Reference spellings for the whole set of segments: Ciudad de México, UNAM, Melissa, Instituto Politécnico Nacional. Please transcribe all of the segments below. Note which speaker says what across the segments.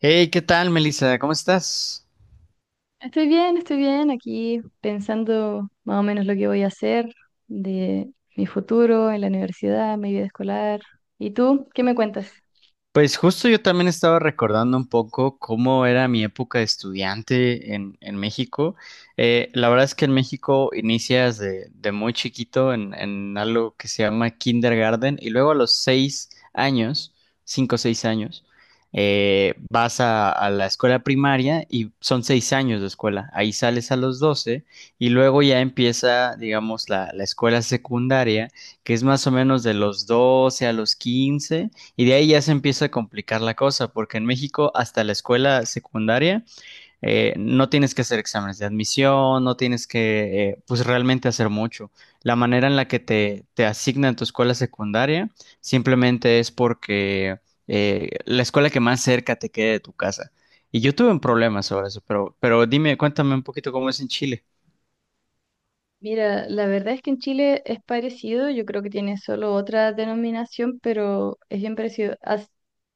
Speaker 1: Hey, ¿qué tal, Melissa? ¿Cómo estás?
Speaker 2: Estoy bien, aquí pensando más o menos lo que voy a hacer de mi futuro en la universidad, mi vida escolar. ¿Y tú qué me cuentas?
Speaker 1: Pues justo yo también estaba recordando un poco cómo era mi época de estudiante en México. La verdad es que en México inicias de muy chiquito en algo que se llama kindergarten y luego a los 6 años, cinco o 6 años, vas a la escuela primaria y son 6 años de escuela. Ahí sales a los 12 y luego ya empieza, digamos, la escuela secundaria, que es más o menos de los 12 a los 15, y de ahí ya se empieza a complicar la cosa, porque en México hasta la escuela secundaria no tienes que hacer exámenes de admisión, no tienes que pues realmente hacer mucho. La manera en la que te asignan tu escuela secundaria simplemente es porque la escuela que más cerca te quede de tu casa. Y yo tuve un problema sobre eso, pero dime, cuéntame un poquito cómo es en Chile.
Speaker 2: Mira, la verdad es que en Chile es parecido, yo creo que tiene solo otra denominación, pero es bien parecido. Hace,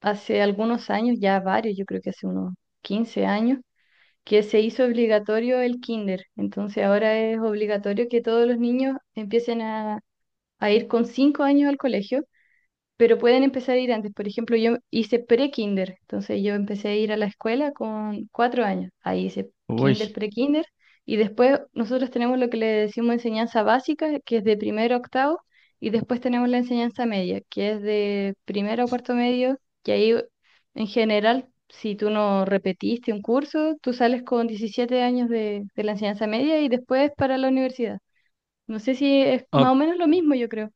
Speaker 2: hace algunos años, ya varios, yo creo que hace unos 15 años, que se hizo obligatorio el kinder. Entonces ahora es obligatorio que todos los niños empiecen a ir con 5 años al colegio. Pero pueden empezar a ir antes. Por ejemplo, yo hice pre-kinder, entonces yo empecé a ir a la escuela con 4 años. Ahí hice
Speaker 1: Uy.
Speaker 2: kinder, pre-kinder, y después nosotros tenemos lo que le decimos enseñanza básica, que es de primero a octavo, y después tenemos la enseñanza media, que es de primero a cuarto medio, que ahí en general, si tú no repetiste un curso, tú sales con 17 años de la enseñanza media y después para la universidad. No sé si es más o menos lo mismo, yo creo.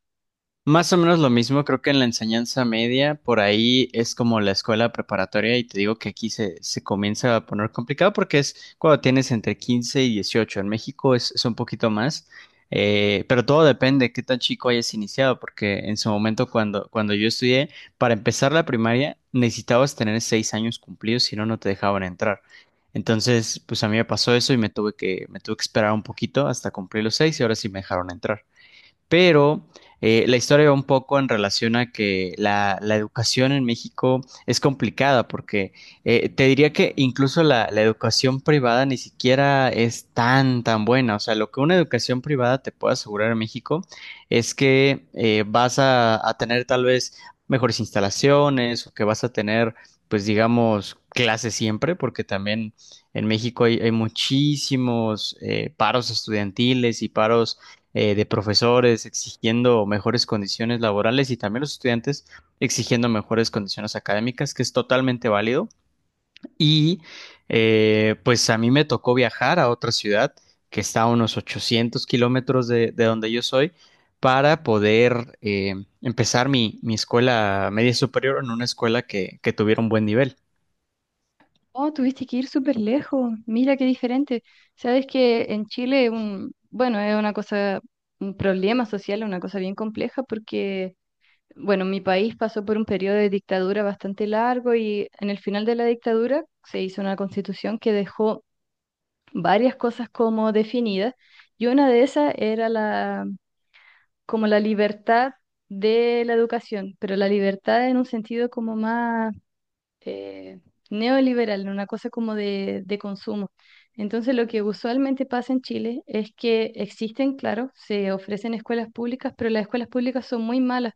Speaker 1: Más o menos lo mismo, creo que en la enseñanza media, por ahí es como la escuela preparatoria y te digo que aquí se comienza a poner complicado porque es cuando tienes entre 15 y 18, en México es un poquito más, pero todo depende de qué tan chico hayas iniciado, porque en su momento cuando yo estudié, para empezar la primaria necesitabas tener 6 años cumplidos, si no, no te dejaban entrar. Entonces, pues a mí me pasó eso y me tuve que esperar un poquito hasta cumplir los 6 y ahora sí me dejaron entrar, pero la historia va un poco en relación a que la educación en México es complicada, porque te diría que incluso la educación privada ni siquiera es tan, tan buena. O sea, lo que una educación privada te puede asegurar en México es que vas a tener tal vez mejores instalaciones o que vas a tener, pues digamos, clases siempre, porque también en México hay, hay muchísimos paros estudiantiles y paros de profesores exigiendo mejores condiciones laborales y también los estudiantes exigiendo mejores condiciones académicas, que es totalmente válido. Y pues a mí me tocó viajar a otra ciudad que está a unos 800 kilómetros de donde yo soy para poder empezar mi escuela media superior en una escuela que tuviera un buen nivel.
Speaker 2: Oh, tuviste que ir súper lejos. Mira qué diferente. Sabes que en Chile, bueno, es una cosa, un problema social, una cosa bien compleja porque, bueno, mi país pasó por un periodo de dictadura bastante largo y en el final de la dictadura se hizo una constitución que dejó varias cosas como definidas y una de esas era como la libertad de la educación, pero la libertad en un sentido como más eh, neoliberal, una cosa como de consumo. Entonces, lo que usualmente pasa en Chile es que existen, claro, se ofrecen escuelas públicas, pero las escuelas públicas son muy malas.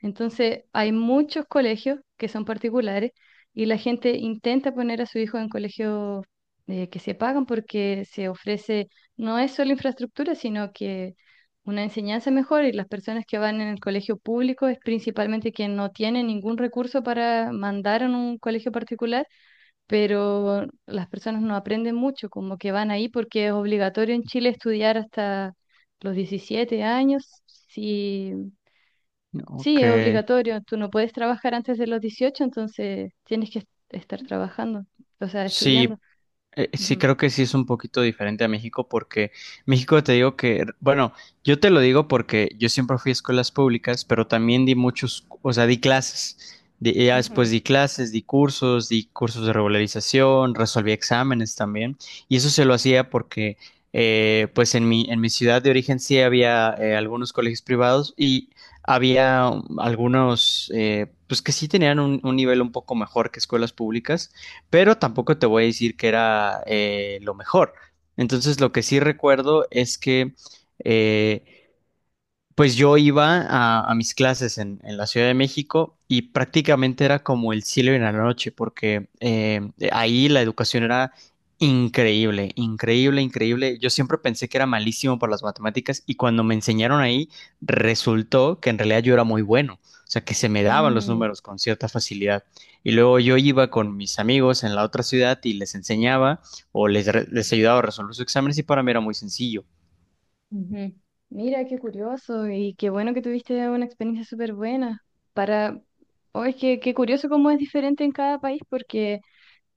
Speaker 2: Entonces, hay muchos colegios que son particulares y la gente intenta poner a su hijo en colegios que se pagan porque se ofrece, no es solo infraestructura, sino que una enseñanza mejor, y las personas que van en el colegio público es principalmente quien no tiene ningún recurso para mandar en un colegio particular, pero las personas no aprenden mucho, como que van ahí porque es obligatorio en Chile estudiar hasta los 17 años. Sí, sí,
Speaker 1: Ok.
Speaker 2: es obligatorio, tú no puedes trabajar antes de los 18, entonces tienes que estar trabajando, o sea,
Speaker 1: Sí.
Speaker 2: estudiando.
Speaker 1: Sí,
Speaker 2: Ujú.
Speaker 1: creo que sí es un poquito diferente a México porque México te digo que, bueno, yo te lo digo porque yo siempre fui a escuelas públicas, pero también di muchos, o sea, di clases. Ya
Speaker 2: Ujú.
Speaker 1: después di clases, di cursos de regularización, resolví exámenes también. Y eso se lo hacía porque, pues en mi ciudad de origen sí había algunos colegios privados y había algunos, pues que sí tenían un nivel un poco mejor que escuelas públicas, pero tampoco te voy a decir que era lo mejor. Entonces, lo que sí recuerdo es que eh, pues yo iba a mis clases en la Ciudad de México y prácticamente era como el cielo en la noche, porque ahí la educación era increíble, increíble, increíble. Yo siempre pensé que era malísimo por las matemáticas y cuando me enseñaron ahí resultó que en realidad yo era muy bueno, o sea, que se me daban los
Speaker 2: Mm.
Speaker 1: números con cierta facilidad. Y luego yo iba con mis amigos en la otra ciudad y les enseñaba o les ayudaba a resolver sus exámenes y para mí era muy sencillo.
Speaker 2: Ujú. Mira, qué curioso y qué bueno que tuviste una experiencia súper buena. Para, oh, es que qué curioso cómo es diferente en cada país porque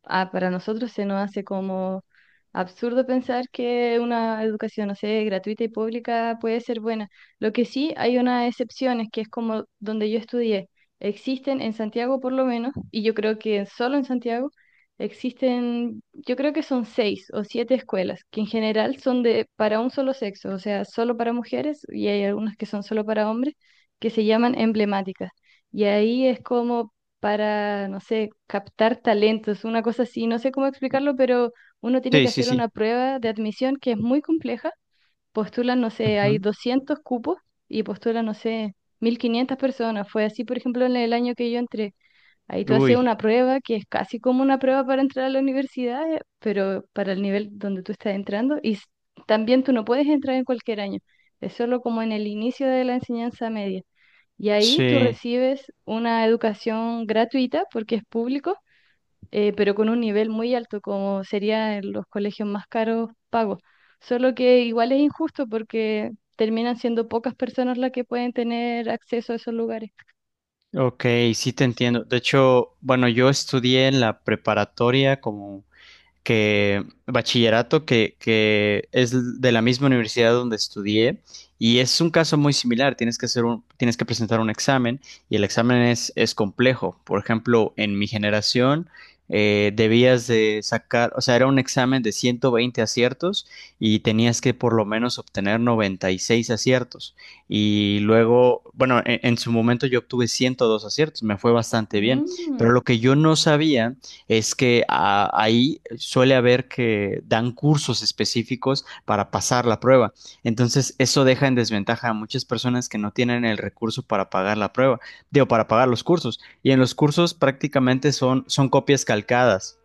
Speaker 2: para nosotros se nos hace como absurdo pensar que una educación, no sé, gratuita y pública puede ser buena. Lo que sí, hay unas excepciones, que es como donde yo estudié. Existen en Santiago por lo menos, y yo creo que solo en Santiago existen, yo creo que son seis o siete escuelas, que en general son de para un solo sexo, o sea, solo para mujeres, y hay algunas que son solo para hombres, que se llaman emblemáticas. Y ahí es como para, no sé, captar talentos, una cosa así, no sé cómo explicarlo, pero uno tiene que
Speaker 1: Sí, sí,
Speaker 2: hacer una
Speaker 1: sí.
Speaker 2: prueba de admisión que es muy compleja. Postulan, no sé, hay
Speaker 1: Ujú.
Speaker 2: 200 cupos y postulan, no sé, 1500 personas. Fue así, por ejemplo, en el año que yo entré. Ahí tú haces
Speaker 1: Uy.
Speaker 2: una prueba que es casi como una prueba para entrar a la universidad, pero para el nivel donde tú estás entrando. Y también tú no puedes entrar en cualquier año, es solo como en el inicio de la enseñanza media. Y ahí tú
Speaker 1: Sí,
Speaker 2: recibes una educación gratuita porque es público, pero con un nivel muy alto, como sería en los colegios más caros pagos. Solo que igual es injusto porque terminan siendo pocas personas las que pueden tener acceso a esos lugares.
Speaker 1: ok, sí te entiendo. De hecho, bueno, yo estudié en la preparatoria como que bachillerato que es de la misma universidad donde estudié y es un caso muy similar. Tienes que hacer un, tienes que presentar un examen y el examen es complejo. Por ejemplo, en mi generación debías de sacar, o sea, era un examen de 120 aciertos y tenías que por lo menos obtener 96 aciertos. Y luego, bueno, en su momento yo obtuve 102 aciertos, me fue bastante bien,
Speaker 2: Mm.
Speaker 1: pero lo que yo no sabía es que ahí suele haber que dan cursos específicos para pasar la prueba. Entonces, eso deja en desventaja a muchas personas que no tienen el recurso para pagar la prueba, digo, para pagar los cursos. Y en los cursos prácticamente son, son copias calcadas.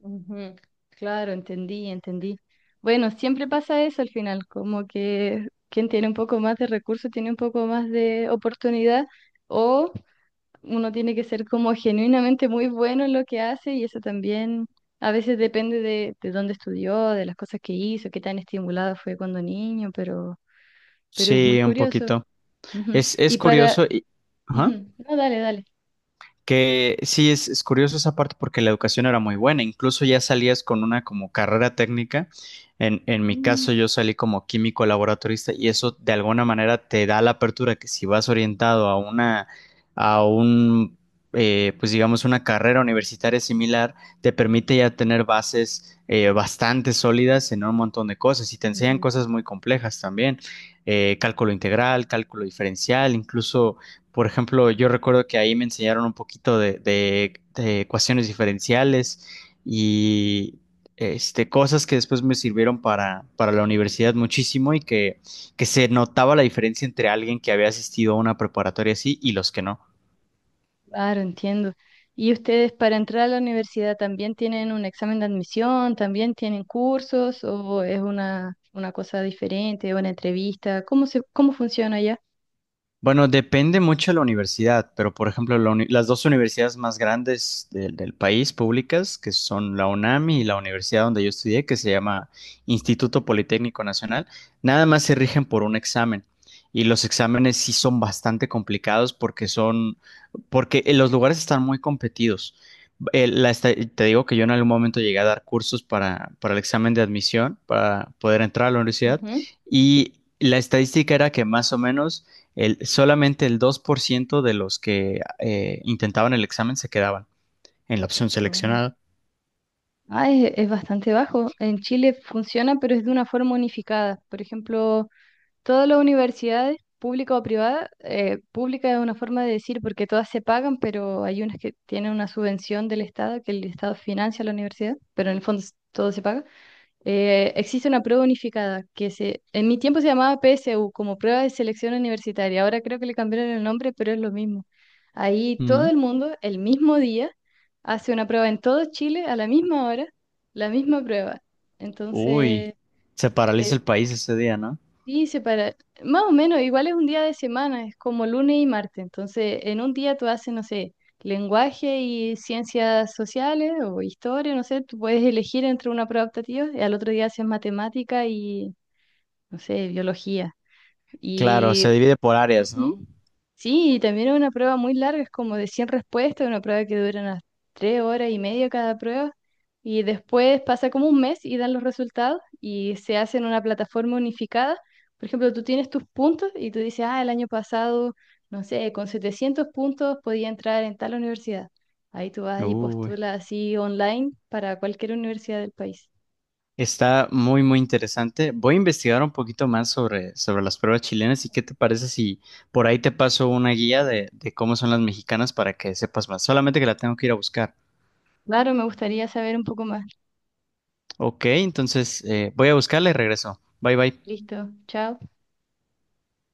Speaker 2: Ujú. Claro, entendí, entendí. Bueno, siempre pasa eso al final, como que quien tiene un poco más de recursos tiene un poco más de oportunidad o uno tiene que ser como genuinamente muy bueno en lo que hace y eso también a veces depende de dónde estudió, de las cosas que hizo, qué tan estimulado fue cuando niño, pero, es muy
Speaker 1: Sí, un
Speaker 2: curioso.
Speaker 1: poquito.
Speaker 2: Ujú,
Speaker 1: Es
Speaker 2: y para...
Speaker 1: curioso y... ajá.
Speaker 2: Ujú. No, dale, dale.
Speaker 1: Que sí, es curioso esa parte porque la educación era muy buena, incluso ya salías con una como carrera técnica. En mi
Speaker 2: Mm,
Speaker 1: caso yo salí como químico laboratorista y eso de alguna manera te da la apertura que si vas orientado a una, a un, pues digamos, una carrera universitaria similar, te permite ya tener bases bastante sólidas en un montón de cosas y te enseñan
Speaker 2: ujú.
Speaker 1: cosas muy complejas también, cálculo integral, cálculo diferencial, incluso por ejemplo, yo recuerdo que ahí me enseñaron un poquito de ecuaciones diferenciales y este, cosas que después me sirvieron para la universidad muchísimo y que se notaba la diferencia entre alguien que había asistido a una preparatoria así y los que no.
Speaker 2: Claro, entiendo. ¿Y ustedes para entrar a la universidad también tienen un examen de admisión? ¿También tienen cursos? ¿O es una cosa diferente, una entrevista? ¿Cómo funciona allá?
Speaker 1: Bueno, depende mucho de la universidad, pero por ejemplo, las dos universidades más grandes del país públicas, que son la UNAM y la universidad donde yo estudié, que se llama Instituto Politécnico Nacional, nada más se rigen por un examen. Y los exámenes sí son bastante complicados porque son, porque los lugares están muy competidos. Te digo que yo en algún momento llegué a dar cursos para el examen de admisión, para poder entrar a la universidad,
Speaker 2: Ujú.
Speaker 1: y la estadística era que más o menos el, solamente el 2% de los que intentaban el examen se quedaban en la opción
Speaker 2: Mm.
Speaker 1: seleccionada.
Speaker 2: Ah, es bastante bajo. En Chile funciona, pero es de una forma unificada. Por ejemplo, todas las universidades, pública o privada, pública es una forma de decir porque todas se pagan, pero hay unas que tienen una subvención del Estado, que el Estado financia la universidad, pero en el fondo todo se paga. Existe una prueba unificada que en mi tiempo se llamaba PSU, como prueba de selección universitaria. Ahora creo que le cambiaron el nombre, pero es lo mismo. Ahí todo
Speaker 1: Mm.
Speaker 2: el mundo, el mismo día, hace una prueba en todo Chile a la misma hora, la misma prueba. Entonces,
Speaker 1: Uy, se paraliza
Speaker 2: eh,
Speaker 1: el país ese día, ¿no?
Speaker 2: sí, separa. Más o menos, igual es un día de semana, es como lunes y martes. Entonces, en un día tú haces, no sé, lenguaje y ciencias sociales o historia, no sé, tú puedes elegir entre una prueba optativa y al otro día haces matemática y, no sé, biología.
Speaker 1: Claro, se
Speaker 2: Y
Speaker 1: divide por áreas,
Speaker 2: ujú.
Speaker 1: ¿no?
Speaker 2: Sí, y también es una prueba muy larga, es como de 100 respuestas, una prueba que dura unas 3 horas y media cada prueba, y después pasa como un mes y dan los resultados y se hace en una plataforma unificada. Por ejemplo, tú tienes tus puntos y tú dices, ah, el año pasado, no sé, con 700 puntos podía entrar en tal universidad. Ahí tú vas y
Speaker 1: Uy,
Speaker 2: postulas así online para cualquier universidad del país.
Speaker 1: está muy, muy interesante. Voy a investigar un poquito más sobre, sobre las pruebas chilenas y qué te parece si por ahí te paso una guía de cómo son las mexicanas para que sepas más. Solamente que la tengo que ir a buscar.
Speaker 2: Claro, me gustaría saber un poco más.
Speaker 1: Ok, entonces voy a buscarla y regreso. Bye, bye.
Speaker 2: Listo, chao.